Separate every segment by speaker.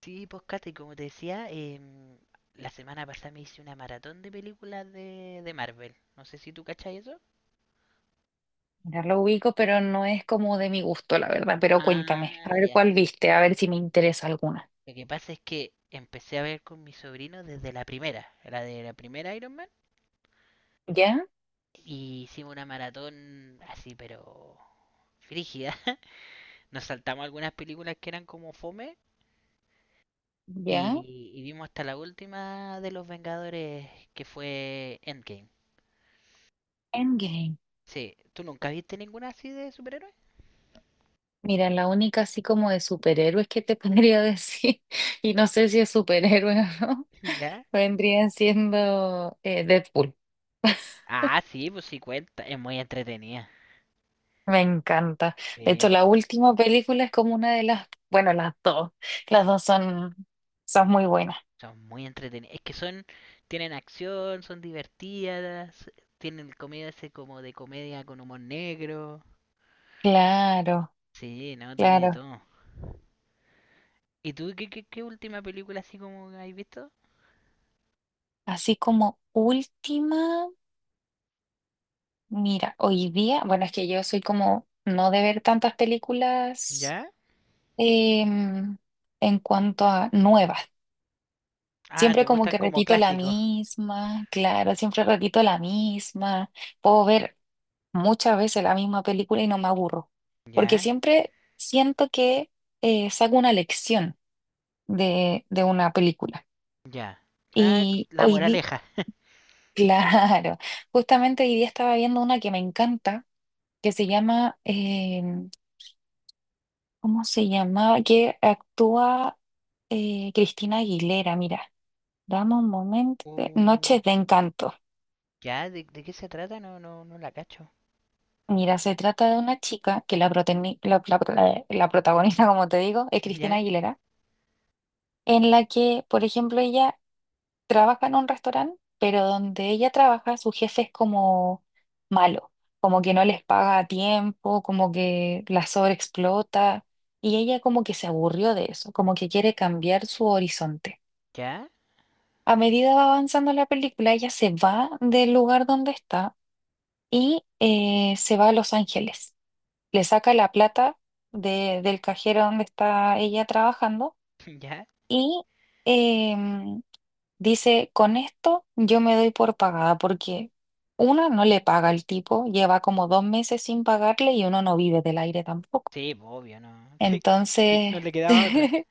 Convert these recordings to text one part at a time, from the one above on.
Speaker 1: Sí, pues Kate, como te decía, la semana pasada me hice una maratón de películas de Marvel. No sé si tú cachas eso.
Speaker 2: Ya lo ubico, pero no es como de mi gusto, la verdad. Pero cuéntame,
Speaker 1: Ah,
Speaker 2: a ver
Speaker 1: ya.
Speaker 2: cuál viste, a ver si me interesa alguna.
Speaker 1: Lo que pasa es que empecé a ver con mi sobrino desde la primera, la de la primera Iron Man,
Speaker 2: ¿Ya?
Speaker 1: y hicimos una maratón así, pero frígida. Nos saltamos algunas películas que eran como fome
Speaker 2: ¿Ya?
Speaker 1: y vimos hasta la última de los Vengadores que fue Endgame.
Speaker 2: Endgame.
Speaker 1: Sí, ¿tú nunca viste ninguna así de superhéroes?
Speaker 2: Mira, la única así como de superhéroes que te podría decir, y no sé si es superhéroe o no,
Speaker 1: ¿Ya?
Speaker 2: vendría siendo Deadpool.
Speaker 1: Ah, sí, pues sí cuenta. Es muy entretenida.
Speaker 2: Me encanta. De hecho,
Speaker 1: Sí,
Speaker 2: la última película es como una de las, bueno, las dos. Las dos son, son muy buenas.
Speaker 1: son muy entretenidas. Es que son, tienen acción, son divertidas, tienen el comedia ese como de comedia con humor negro.
Speaker 2: Claro,
Speaker 1: Sí, no, tiene de
Speaker 2: claro.
Speaker 1: todo. ¿Y tú qué, qué última película así como has visto?
Speaker 2: Así como última. Mira, hoy día, bueno, es que yo soy como no de ver tantas películas
Speaker 1: ¿Ya?
Speaker 2: em, en cuanto a nuevas.
Speaker 1: Ah, te
Speaker 2: Siempre como
Speaker 1: gustan
Speaker 2: que
Speaker 1: como
Speaker 2: repito la
Speaker 1: clásicos.
Speaker 2: misma, claro, siempre repito la misma. Puedo ver muchas veces la misma película y no me aburro, porque
Speaker 1: Ya,
Speaker 2: siempre siento que saco una lección de una película.
Speaker 1: ya. Ah,
Speaker 2: Y
Speaker 1: La
Speaker 2: hoy día,
Speaker 1: Moraleja.
Speaker 2: claro, justamente hoy día estaba viendo una que me encanta, que se llama... ¿Cómo se llamaba? Que actúa Cristina Aguilera, mira, dame un momento.
Speaker 1: Uh,
Speaker 2: Noches de Encanto.
Speaker 1: ya, de qué se trata? No, no, no la cacho.
Speaker 2: Mira, se trata de una chica que la, proteni- la- la- la protagonista, como te digo, es Cristina
Speaker 1: Ya,
Speaker 2: Aguilera, en la que, por ejemplo, ella trabaja en un restaurante, pero donde ella trabaja, su jefe es como malo, como que no les paga a tiempo, como que la sobreexplota, y ella como que se aburrió de eso, como que quiere cambiar su horizonte.
Speaker 1: ya,
Speaker 2: A medida va avanzando la película, ella se va del lugar donde está y se va a Los Ángeles. Le saca la plata del cajero donde está ella trabajando
Speaker 1: ya.
Speaker 2: y em, dice, con esto yo me doy por pagada porque una no le paga al tipo, lleva como 2 meses sin pagarle y uno no vive del aire tampoco.
Speaker 1: Sí, pues, obvio, no. Que, que
Speaker 2: Entonces,
Speaker 1: no le quedaba otra.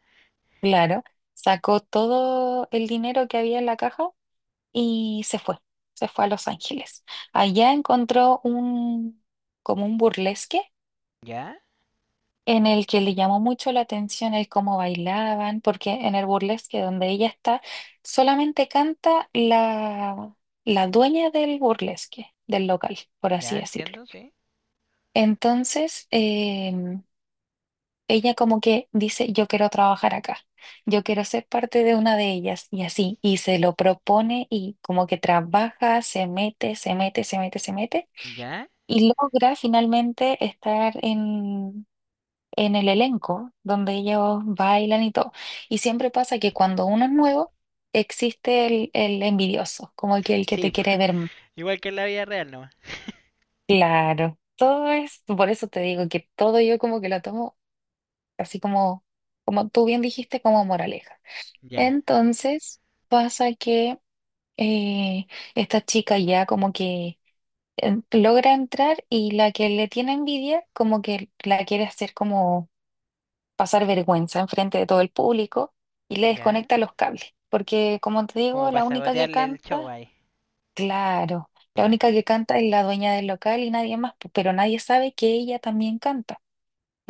Speaker 2: claro, sacó todo el dinero que había en la caja y se fue a Los Ángeles. Allá encontró un, como un burlesque
Speaker 1: ¿Ya?
Speaker 2: en el que le llamó mucho la atención el cómo bailaban, porque en el burlesque donde ella está, solamente canta la, la dueña del burlesque, del local, por
Speaker 1: ¿Ya?
Speaker 2: así decirlo.
Speaker 1: Entiendo, sí.
Speaker 2: Entonces, ella como que dice, yo quiero trabajar acá, yo quiero ser parte de una de ellas y así, y se lo propone y como que trabaja, se mete
Speaker 1: ¿Ya?
Speaker 2: y logra finalmente estar en el elenco donde ellos bailan y todo. Y siempre pasa que cuando uno es nuevo, existe el envidioso, como que el que
Speaker 1: Sí,
Speaker 2: te quiere ver más.
Speaker 1: igual que en la vida real no.
Speaker 2: Claro, todo es, por eso te digo que todo yo como que lo tomo así como, como tú bien dijiste, como moraleja.
Speaker 1: Ya.
Speaker 2: Entonces pasa que eh, esta chica ya como que logra entrar y la que le tiene envidia como que la quiere hacer como pasar vergüenza enfrente de todo el público y le
Speaker 1: ¿Ya?
Speaker 2: desconecta los cables. Porque como te
Speaker 1: Como
Speaker 2: digo,
Speaker 1: para
Speaker 2: la única que
Speaker 1: sabotearle el show
Speaker 2: canta,
Speaker 1: ahí.
Speaker 2: claro, la
Speaker 1: Ya.
Speaker 2: única que canta es la dueña del local y nadie más, pero nadie sabe que ella también canta.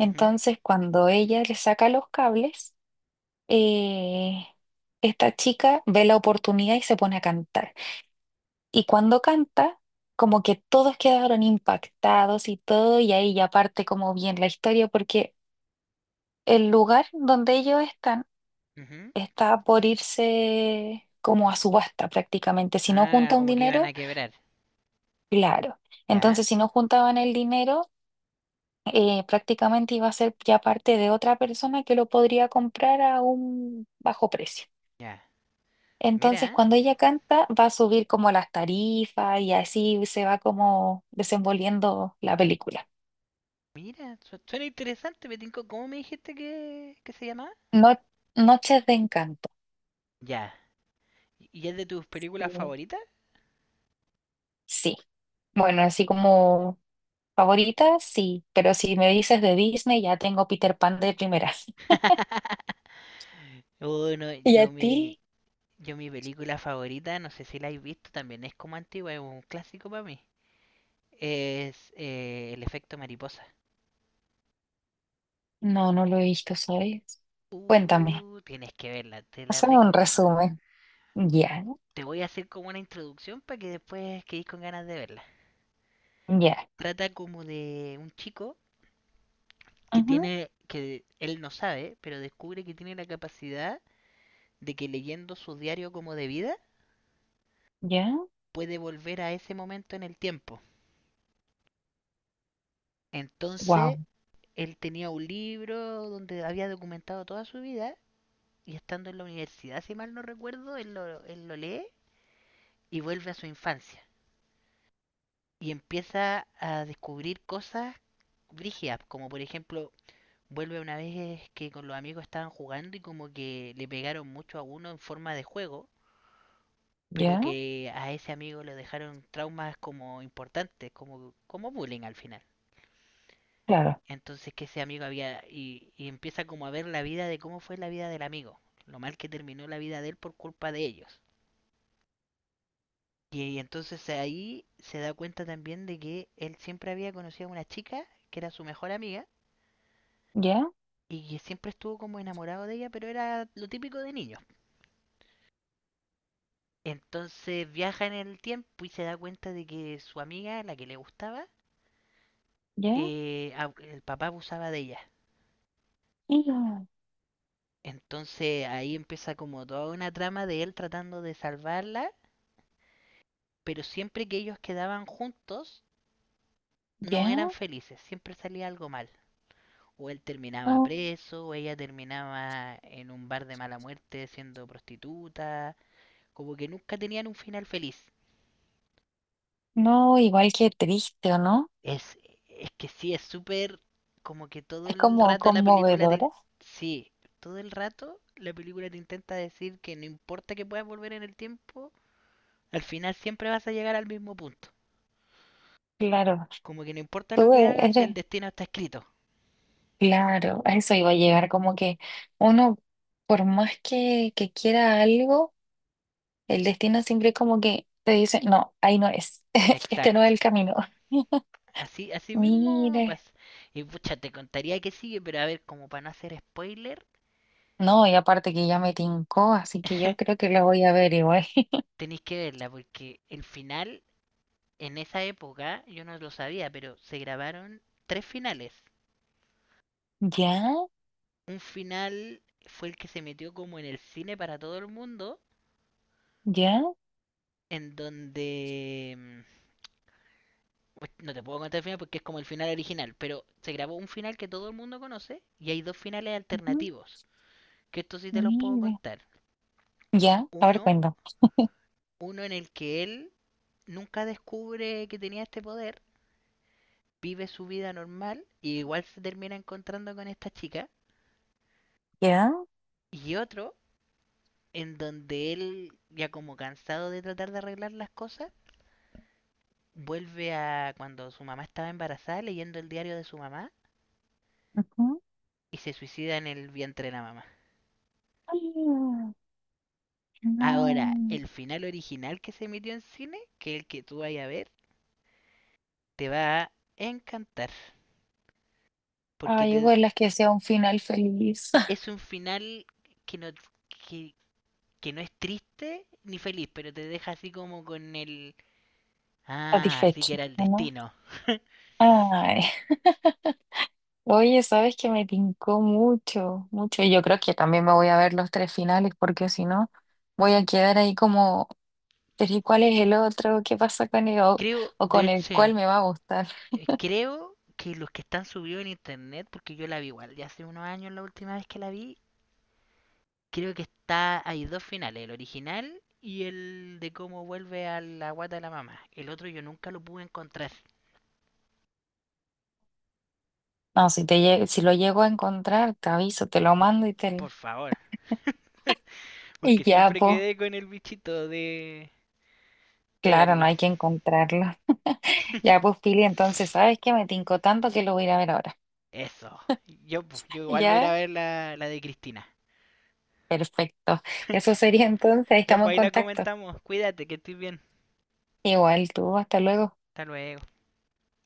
Speaker 1: Ujú,
Speaker 2: cuando ella le saca los cables, eh, esta chica ve la oportunidad y se pone a cantar. Y cuando canta, como que todos quedaron impactados y todo, y ahí ya parte como bien la historia, porque el lugar donde ellos están
Speaker 1: ujú.
Speaker 2: está por irse como a subasta prácticamente. Si no
Speaker 1: Ah,
Speaker 2: junta un
Speaker 1: como que iban
Speaker 2: dinero,
Speaker 1: a quebrar.
Speaker 2: claro.
Speaker 1: ¿Ya?
Speaker 2: Entonces, si no juntaban el dinero... prácticamente iba a ser ya parte de otra persona que lo podría comprar a un bajo precio.
Speaker 1: Ya.
Speaker 2: Entonces,
Speaker 1: Mira,
Speaker 2: cuando ella canta, va a subir como las tarifas y así se va como desenvolviendo la película.
Speaker 1: mira. Suena interesante, me tincó. ¿Cómo me dijiste que se llamaba?
Speaker 2: No- Noches de Encanto.
Speaker 1: Ya. Y es de tus películas
Speaker 2: Sí.
Speaker 1: favoritas?
Speaker 2: Sí. Bueno, así como favoritas, sí. Pero si me dices de Disney, ya tengo Peter Pan de primera.
Speaker 1: Uy, no,
Speaker 2: ¿Y a ti?
Speaker 1: yo mi película favorita, no sé si la habéis visto, también es como antigua, es un clásico para mí. Es El efecto mariposa.
Speaker 2: No, no lo he visto, ¿sabes? Cuéntame.
Speaker 1: Tienes que verla, te la
Speaker 2: Hazme un
Speaker 1: recomiendo.
Speaker 2: resumen. Ya,
Speaker 1: Te voy a hacer como una introducción para que después quedéis con ganas de verla.
Speaker 2: ya,
Speaker 1: Trata como de un chico que
Speaker 2: ujú,
Speaker 1: tiene, que él no sabe, pero descubre que tiene la capacidad de que leyendo su diario como de vida
Speaker 2: ya.
Speaker 1: puede volver a ese momento en el tiempo. Entonces,
Speaker 2: Wow.
Speaker 1: él tenía un libro donde había documentado toda su vida y estando en la universidad, si mal no recuerdo, él lo lee y vuelve a su infancia. Y empieza a descubrir cosas brígidas, como por ejemplo, vuelve una vez que con los amigos estaban jugando y como que le pegaron mucho a uno en forma de juego, pero
Speaker 2: Ya.
Speaker 1: que a ese amigo le dejaron traumas como importantes, como bullying al final.
Speaker 2: Claro.
Speaker 1: Entonces que ese amigo había y empieza como a ver la vida de cómo fue la vida del amigo, lo mal que terminó la vida de él por culpa de ellos. Y entonces ahí se da cuenta también de que él siempre había conocido a una chica que era su mejor amiga
Speaker 2: Ya.
Speaker 1: y que siempre estuvo como enamorado de ella, pero era lo típico de niños. Entonces viaja en el tiempo y se da cuenta de que su amiga, la que le gustaba,
Speaker 2: Ya.
Speaker 1: eh, el papá abusaba de ella.
Speaker 2: Ya.
Speaker 1: Entonces ahí empieza como toda una trama de él tratando de salvarla, pero siempre que ellos quedaban juntos no eran
Speaker 2: Ya.
Speaker 1: felices, siempre salía algo mal. O él terminaba
Speaker 2: No.
Speaker 1: preso, o ella terminaba en un bar de mala muerte siendo prostituta, como que nunca tenían un final feliz.
Speaker 2: No, igual que triste, ¿o no?
Speaker 1: Es, es que sí, es súper como que todo
Speaker 2: Es
Speaker 1: el
Speaker 2: como
Speaker 1: rato la película te...
Speaker 2: conmovedora.
Speaker 1: Sí, todo el rato la película te intenta decir que no importa que puedas volver en el tiempo, al final siempre vas a llegar al mismo punto.
Speaker 2: Claro,
Speaker 1: Como que no importa lo que hagas,
Speaker 2: eres,
Speaker 1: el destino está escrito.
Speaker 2: claro, a eso iba a llegar, como que uno, por más que quiera algo, el destino siempre como que te dice, no, ahí no es, este no es
Speaker 1: Exacto.
Speaker 2: el camino.
Speaker 1: Así, así mismo
Speaker 2: Mire,
Speaker 1: pasa. Y pucha, te contaría que sigue, pero a ver, como para no hacer spoiler.
Speaker 2: no, y aparte que ya me tincó, así que yo creo que la voy a ver igual.
Speaker 1: Tenéis que verla porque el final, en esa época, yo no lo sabía, pero se grabaron tres finales.
Speaker 2: Ya,
Speaker 1: Un final fue el que se metió como en el cine para todo el mundo,
Speaker 2: ya,
Speaker 1: en donde... pues, no te puedo contar el final porque es como el final original, pero se grabó un final que todo el mundo conoce y hay dos finales
Speaker 2: ujú,
Speaker 1: alternativos, que esto sí te los puedo
Speaker 2: mire,
Speaker 1: contar.
Speaker 2: ya, a ver,
Speaker 1: Uno,
Speaker 2: cuento.
Speaker 1: uno en el que él nunca descubre que tenía este poder, vive su vida normal y igual se termina encontrando con esta chica.
Speaker 2: Ya,
Speaker 1: Y otro en donde él, ya como cansado de tratar de arreglar las cosas, vuelve a cuando su mamá estaba embarazada leyendo el diario de su mamá
Speaker 2: ujú.
Speaker 1: y se suicida en el vientre de la mamá.
Speaker 2: Ay,
Speaker 1: Ahora,
Speaker 2: no.
Speaker 1: el final original que se emitió en cine, que es el que tú vayas a ver, te va a encantar. Porque
Speaker 2: Ay,
Speaker 1: te-
Speaker 2: ojalá que sea un final feliz,
Speaker 1: es un final que no, que, que no es triste ni feliz, pero te deja así como con el... Ah, así que
Speaker 2: satisfecho,
Speaker 1: era el
Speaker 2: ¿o no?
Speaker 1: destino.
Speaker 2: Ay, oye, sabes que me tincó mucho, mucho, y yo creo que también me voy a ver los 3 finales, porque si no, voy a quedar ahí como, pero ¿y cuál es el otro? ¿Qué pasa con él?
Speaker 1: Creo,
Speaker 2: O
Speaker 1: de
Speaker 2: con el
Speaker 1: hecho,
Speaker 2: cual me va a gustar.
Speaker 1: creo que los que están subidos en internet, porque yo la vi igual ya hace unos años la última vez que la vi, hay dos finales, el original y el de cómo vuelve a la guata de la mamá. El otro yo nunca lo pude encontrar.
Speaker 2: No, si lo llego a encontrar, te aviso, te lo
Speaker 1: Por,
Speaker 2: mando y te...
Speaker 1: por favor,
Speaker 2: Y
Speaker 1: porque
Speaker 2: ya,
Speaker 1: siempre
Speaker 2: pues,
Speaker 1: quedé con el bichito de
Speaker 2: claro, no
Speaker 1: verlo.
Speaker 2: hay que encontrarlo. Ya, pues, Pili, entonces, ¿sabes que me tincó tanto que lo voy a ir a ver ahora.
Speaker 1: Eso. Yo, pues, yo igual voy a ir a
Speaker 2: ¿Ya?
Speaker 1: ver la de Cristina.
Speaker 2: Perfecto. Eso sería entonces,
Speaker 1: Ya,
Speaker 2: estamos
Speaker 1: pues
Speaker 2: en
Speaker 1: ahí la
Speaker 2: contacto.
Speaker 1: comentamos. Cuídate, que estés bien.
Speaker 2: Igual tú, hasta luego.
Speaker 1: Hasta luego.